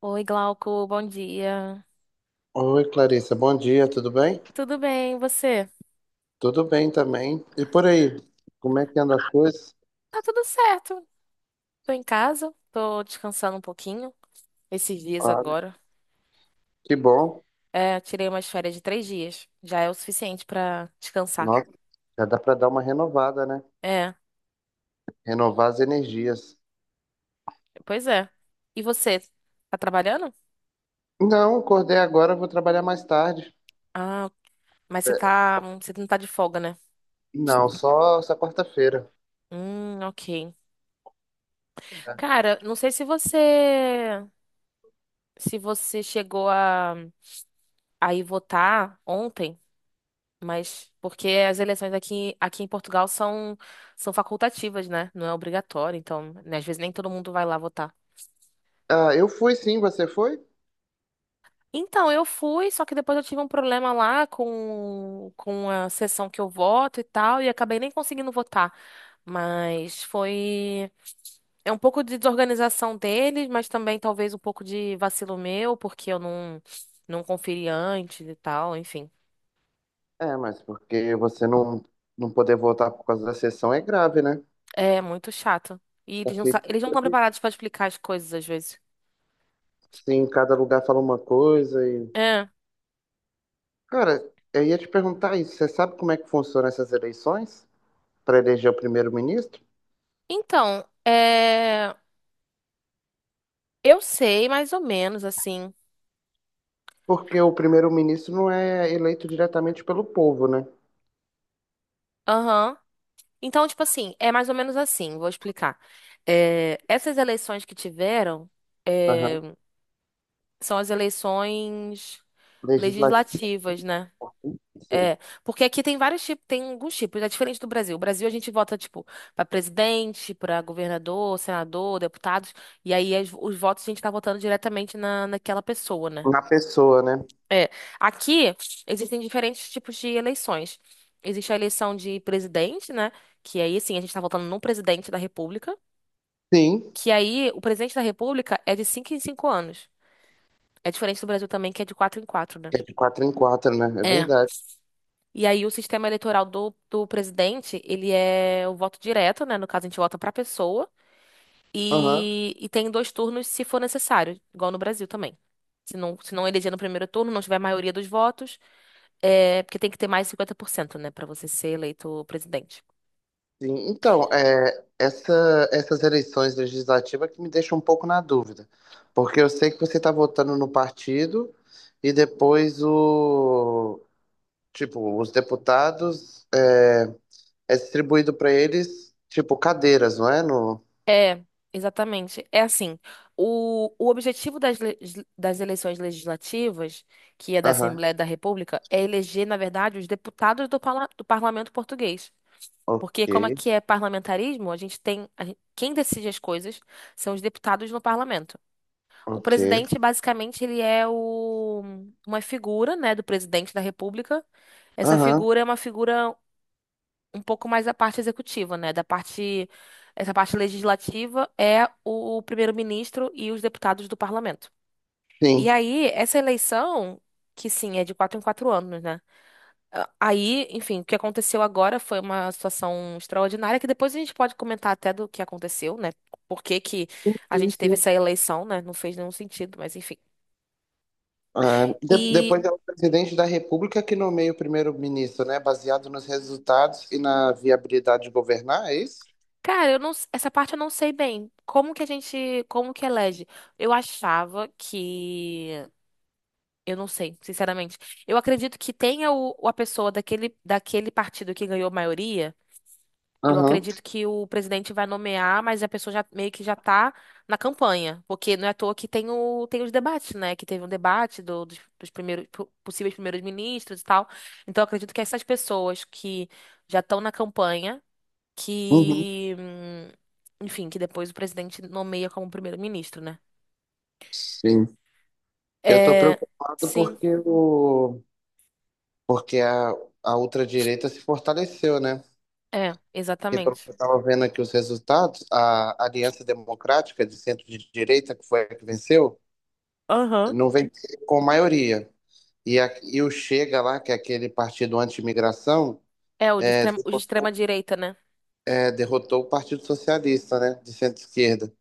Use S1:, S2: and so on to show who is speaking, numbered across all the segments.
S1: Oi, Glauco, bom dia.
S2: Oi, Clarissa, bom dia, tudo bem?
S1: Tudo bem, e você?
S2: Tudo bem também. E por aí, como é que anda as coisas?
S1: Tá tudo certo. Tô em casa, tô descansando um pouquinho esses dias
S2: Olha,
S1: agora.
S2: que bom.
S1: É, tirei umas férias de 3 dias. Já é o suficiente pra descansar.
S2: Nossa, já dá para dar uma renovada, né?
S1: É,
S2: Renovar as energias.
S1: pois é. E você? Tá trabalhando?
S2: Não, acordei agora, vou trabalhar mais tarde.
S1: Ah, mas você
S2: É,
S1: tá, você não tá de folga, né?
S2: não, só essa quarta-feira.
S1: Ok.
S2: É.
S1: Cara, não sei se você chegou a ir votar ontem. Mas porque as eleições aqui em Portugal são facultativas, né? Não é obrigatório, então, né, às vezes nem todo mundo vai lá votar.
S2: Ah, eu fui sim, você foi?
S1: Então, eu fui, só que depois eu tive um problema lá com a sessão que eu voto e tal, e acabei nem conseguindo votar. Mas foi. É um pouco de desorganização deles, mas também talvez um pouco de vacilo meu, porque eu não conferi antes e tal, enfim.
S2: É, mas porque você não, não poder voltar por causa da sessão é grave, né?
S1: É muito chato. E
S2: A
S1: eles não, sa-
S2: filha,
S1: eles não estão preparados para explicar as coisas às vezes.
S2: sim, cada lugar fala uma coisa.
S1: É.
S2: Cara, eu ia te perguntar isso. Você sabe como é que funcionam essas eleições para eleger o primeiro-ministro?
S1: Então, é, eu sei mais ou menos assim.
S2: Porque o primeiro-ministro não é eleito diretamente pelo povo, né?
S1: Aham. Então, tipo assim, é mais ou menos assim, vou explicar. É, essas eleições que tiveram é,
S2: Aham.
S1: são as eleições
S2: Legislativo.
S1: legislativas, né?
S2: Sim.
S1: É, porque aqui tem vários tipos, tem alguns tipos, é diferente do Brasil. O Brasil a gente vota, tipo, para presidente, para governador, senador, deputados, e aí os votos a gente tá votando diretamente naquela pessoa, né?
S2: Na pessoa, né?
S1: É, aqui existem diferentes tipos de eleições. Existe a eleição de presidente, né? Que aí, assim, a gente tá votando num presidente da República.
S2: Sim.
S1: Que aí, o presidente da República é de 5 em 5 anos. É diferente do Brasil também, que é de 4 em 4, né?
S2: É de quatro em quatro, né? É
S1: É.
S2: verdade.
S1: E aí, o sistema eleitoral do presidente, ele é o voto direto, né? No caso, a gente vota pra pessoa.
S2: Aham.
S1: E tem dois turnos se for necessário, igual no Brasil também. Se não eleger no primeiro turno, não tiver maioria dos votos. É, porque tem que ter mais 50%, né, pra você ser eleito presidente.
S2: Sim. Então, é, essas eleições legislativas que me deixam um pouco na dúvida. Porque eu sei que você está votando no partido e depois tipo, os deputados. É, é distribuído pra eles, tipo, cadeiras, não é? No...
S1: É, exatamente. É assim, o objetivo das eleições legislativas, que é da
S2: Aham.
S1: Assembleia da República, é eleger, na verdade, os deputados do parlamento português.
S2: Ok,
S1: Porque como é que é parlamentarismo, a gente tem, a gen- quem decide as coisas são os deputados no parlamento. O
S2: ok.
S1: presidente, basicamente, ele é uma figura, né, do presidente da República. Essa
S2: Aham,
S1: figura é uma figura um pouco mais da parte executiva, né? Essa parte legislativa é o primeiro-ministro e os deputados do parlamento. E
S2: sim.
S1: aí, essa eleição, que sim, é de 4 em 4 anos, né? Ah, aí, enfim, o que aconteceu agora foi uma situação extraordinária, que depois a gente pode comentar até do que aconteceu, né? Por que que a
S2: Sim,
S1: gente teve
S2: sim.
S1: essa eleição, né? Não fez nenhum sentido, mas enfim.
S2: Ah, de-
S1: E,
S2: depois é o presidente da República que nomeia o primeiro-ministro, né? Baseado nos resultados e na viabilidade de governar, é isso?
S1: cara, eu não, s- essa parte eu não sei bem. Como que como que elege? Eu achava que Eu não sei, sinceramente. Eu acredito que tenha a pessoa daquele partido que ganhou maioria. Eu
S2: Aham.
S1: acredito que o presidente vai nomear, mas a pessoa já meio que já tá na campanha. Porque não é à toa que tem os debates, né? Que teve um debate dos possíveis primeiros ministros e tal. Então, eu acredito que essas pessoas que já estão na campanha,
S2: Uhum.
S1: que, enfim, que depois o presidente nomeia como primeiro-ministro, né?
S2: Sim. Eu tô
S1: É,
S2: preocupado
S1: sim,
S2: porque, porque a, a ultradireita se fortaleceu, né?
S1: é,
S2: Porque pelo que
S1: exatamente.
S2: eu estava vendo aqui os resultados, a Aliança Democrática de Centro de Direita, que foi a que venceu,
S1: Aham.
S2: não vem com maioria. E, e o Chega lá, que é aquele partido anti-imigração,
S1: É, o de extrema direita, né?
S2: é, derrotou o Partido Socialista, né, de centro-esquerda,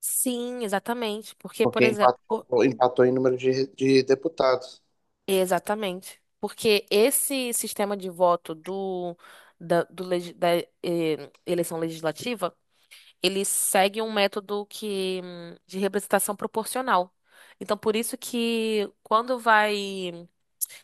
S1: Sim, exatamente. Porque, por
S2: porque
S1: exemplo,
S2: empatou em número de deputados.
S1: exatamente. Porque esse sistema de voto do, da, do legi- da, eh, eleição legislativa, ele segue um método que de representação proporcional. Então, por isso que quando vai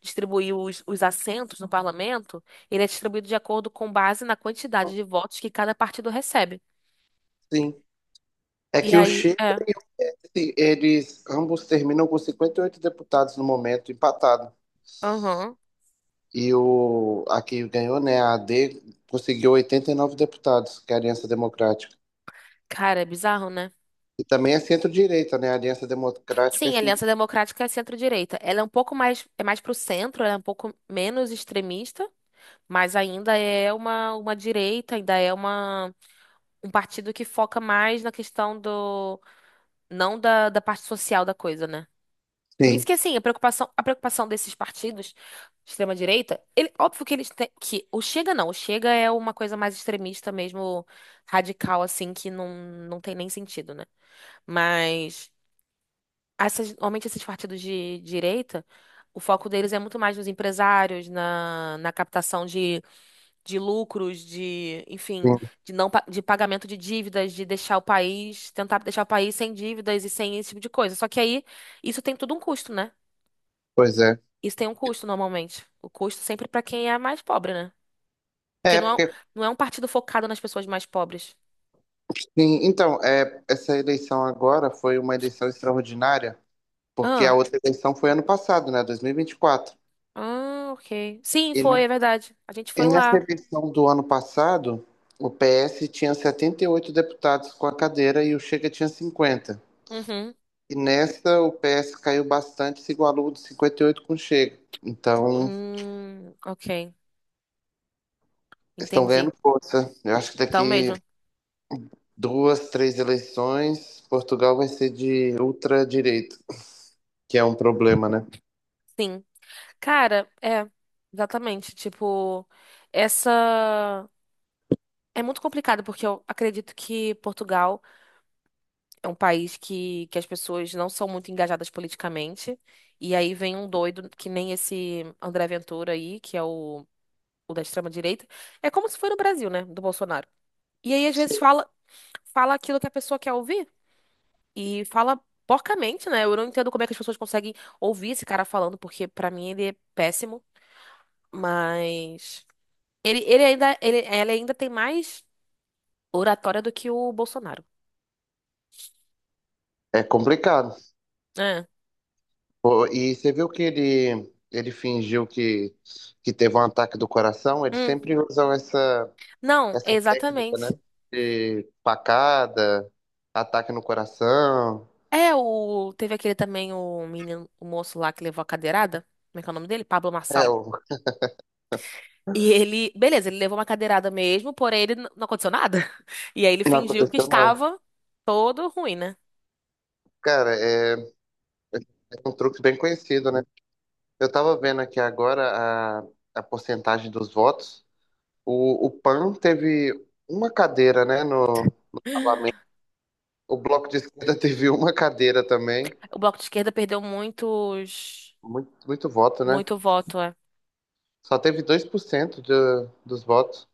S1: distribuir os assentos no parlamento, ele é distribuído de acordo com base na quantidade de votos que cada partido recebe.
S2: Sim. É
S1: E
S2: que o
S1: aí,
S2: Chega,
S1: é,
S2: e o- eles ambos terminam com 58 deputados no momento, empatado.
S1: aham.
S2: E a que ganhou, né, a AD, conseguiu 89 deputados, que é a Aliança Democrática.
S1: Cara, é bizarro, né?
S2: E também é centro-direita, né? A Aliança Democrática é
S1: Sim, a
S2: centro...
S1: Aliança Democrática é centro-direita. Ela é um pouco mais, é mais pro centro, ela é um pouco menos extremista, mas ainda é uma direita, ainda é um partido que foca mais na questão não da parte social da coisa, né? Por isso
S2: Sim,
S1: que, assim, a preocupação desses partidos de extrema-direita, ele, óbvio que eles têm, que o Chega não, o Chega é uma coisa mais extremista mesmo, radical, assim, que não tem nem sentido, né? Mas normalmente esses partidos de direita, o foco deles é muito mais nos empresários, na captação de lucros, enfim,
S2: sim,
S1: de não, de pagamento de dívidas, de deixar o país, tentar deixar o país sem dívidas e sem esse tipo de coisa. Só que aí, isso tem tudo um custo, né?
S2: pois é.
S1: Isso tem um custo normalmente. O custo sempre para quem é mais pobre, né? Porque
S2: É,
S1: não é, um-
S2: porque
S1: não é um partido focado nas pessoas mais pobres.
S2: sim, então, é, essa eleição agora foi uma eleição extraordinária, porque a
S1: Ah,
S2: outra eleição foi ano passado, né, 2024.
S1: ah, ok. Sim,
S2: E
S1: foi,
S2: ne-
S1: é verdade. A gente
S2: e
S1: foi
S2: nessa
S1: lá.
S2: eleição do ano passado, o PS tinha 78 deputados com a cadeira e o Chega tinha 50.
S1: Uhum.
S2: E nessa, o PS caiu bastante, se igualou de 58 com o Chega. Então,
S1: Ok.
S2: estão
S1: Entendi.
S2: ganhando força. Eu acho que
S1: Então
S2: daqui
S1: mesmo.
S2: duas, três eleições, Portugal vai ser de ultradireita, que é um problema, né?
S1: Sim. Cara, é, exatamente. Tipo, essa. É muito complicado, porque eu acredito que Portugal é um país que as pessoas não são muito engajadas politicamente. E aí vem um doido, que nem esse André Ventura aí, que é o da extrema-direita. É como se foi no Brasil, né? Do Bolsonaro. E aí, às vezes, fala aquilo que a pessoa quer ouvir. E fala porcamente, né? Eu não entendo como é que as pessoas conseguem ouvir esse cara falando, porque pra mim ele é péssimo. Mas ela ainda tem mais oratória do que o Bolsonaro.
S2: É complicado.
S1: É.
S2: Pô, e você viu que ele fingiu que teve um ataque do coração? Eles
S1: Hum.
S2: sempre usam essa,
S1: Não,
S2: essa técnica,
S1: exatamente.
S2: né? De facada, ataque no coração.
S1: É. o. Teve aquele também, o menino, o moço lá que levou a cadeirada. Como é que é o nome dele? Pablo
S2: É,
S1: Marçal.
S2: o-
S1: E ele, beleza, ele levou uma cadeirada mesmo, porém ele não aconteceu nada. E aí ele
S2: não
S1: fingiu que
S2: aconteceu nada.
S1: estava todo ruim, né?
S2: Cara, é um truque bem conhecido, né? Eu tava vendo aqui agora a porcentagem dos votos. O PAN teve uma cadeira, né, no Parlamento. O Bloco de Esquerda teve uma cadeira também.
S1: O Bloco de Esquerda perdeu
S2: Muito, muito voto, né?
S1: muito voto, é.
S2: Só teve 2% dos votos.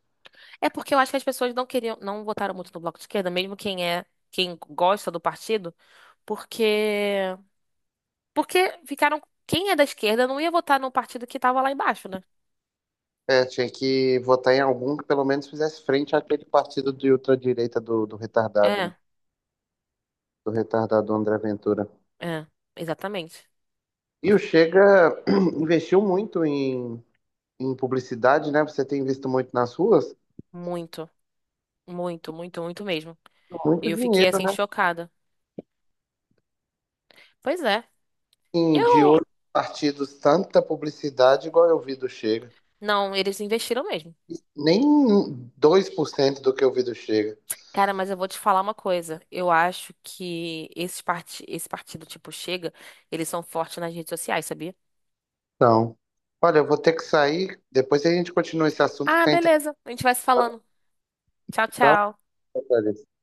S1: É porque eu acho que as pessoas não queriam, não votaram muito no Bloco de Esquerda, mesmo quem gosta do partido, porque porque ficaram, quem é da esquerda não ia votar no partido que tava lá embaixo, né?
S2: É, tinha que votar em algum que pelo menos fizesse frente àquele partido de ultradireita do retardado, né?
S1: É,
S2: Do retardado André Ventura.
S1: é, exatamente.
S2: E o Chega investiu muito em, em publicidade, né? Você tem visto muito nas ruas.
S1: Muito, muito, muito, muito mesmo.
S2: Muito
S1: Eu fiquei
S2: dinheiro,
S1: assim
S2: né?
S1: chocada. Pois é.
S2: Em, de
S1: Eu
S2: outros partidos, tanta publicidade igual eu vi do Chega.
S1: não, eles investiram mesmo.
S2: Nem 2% do que eu vi do Chega.
S1: Cara, mas eu vou te falar uma coisa. Eu acho que esse partido tipo Chega, eles são fortes nas redes sociais, sabia?
S2: Então, olha, eu vou ter que sair. Depois a gente continua esse assunto que
S1: Ah,
S2: tá interessante,
S1: beleza. A gente vai se falando. Tchau,
S2: tá?
S1: tchau.
S2: Apareceu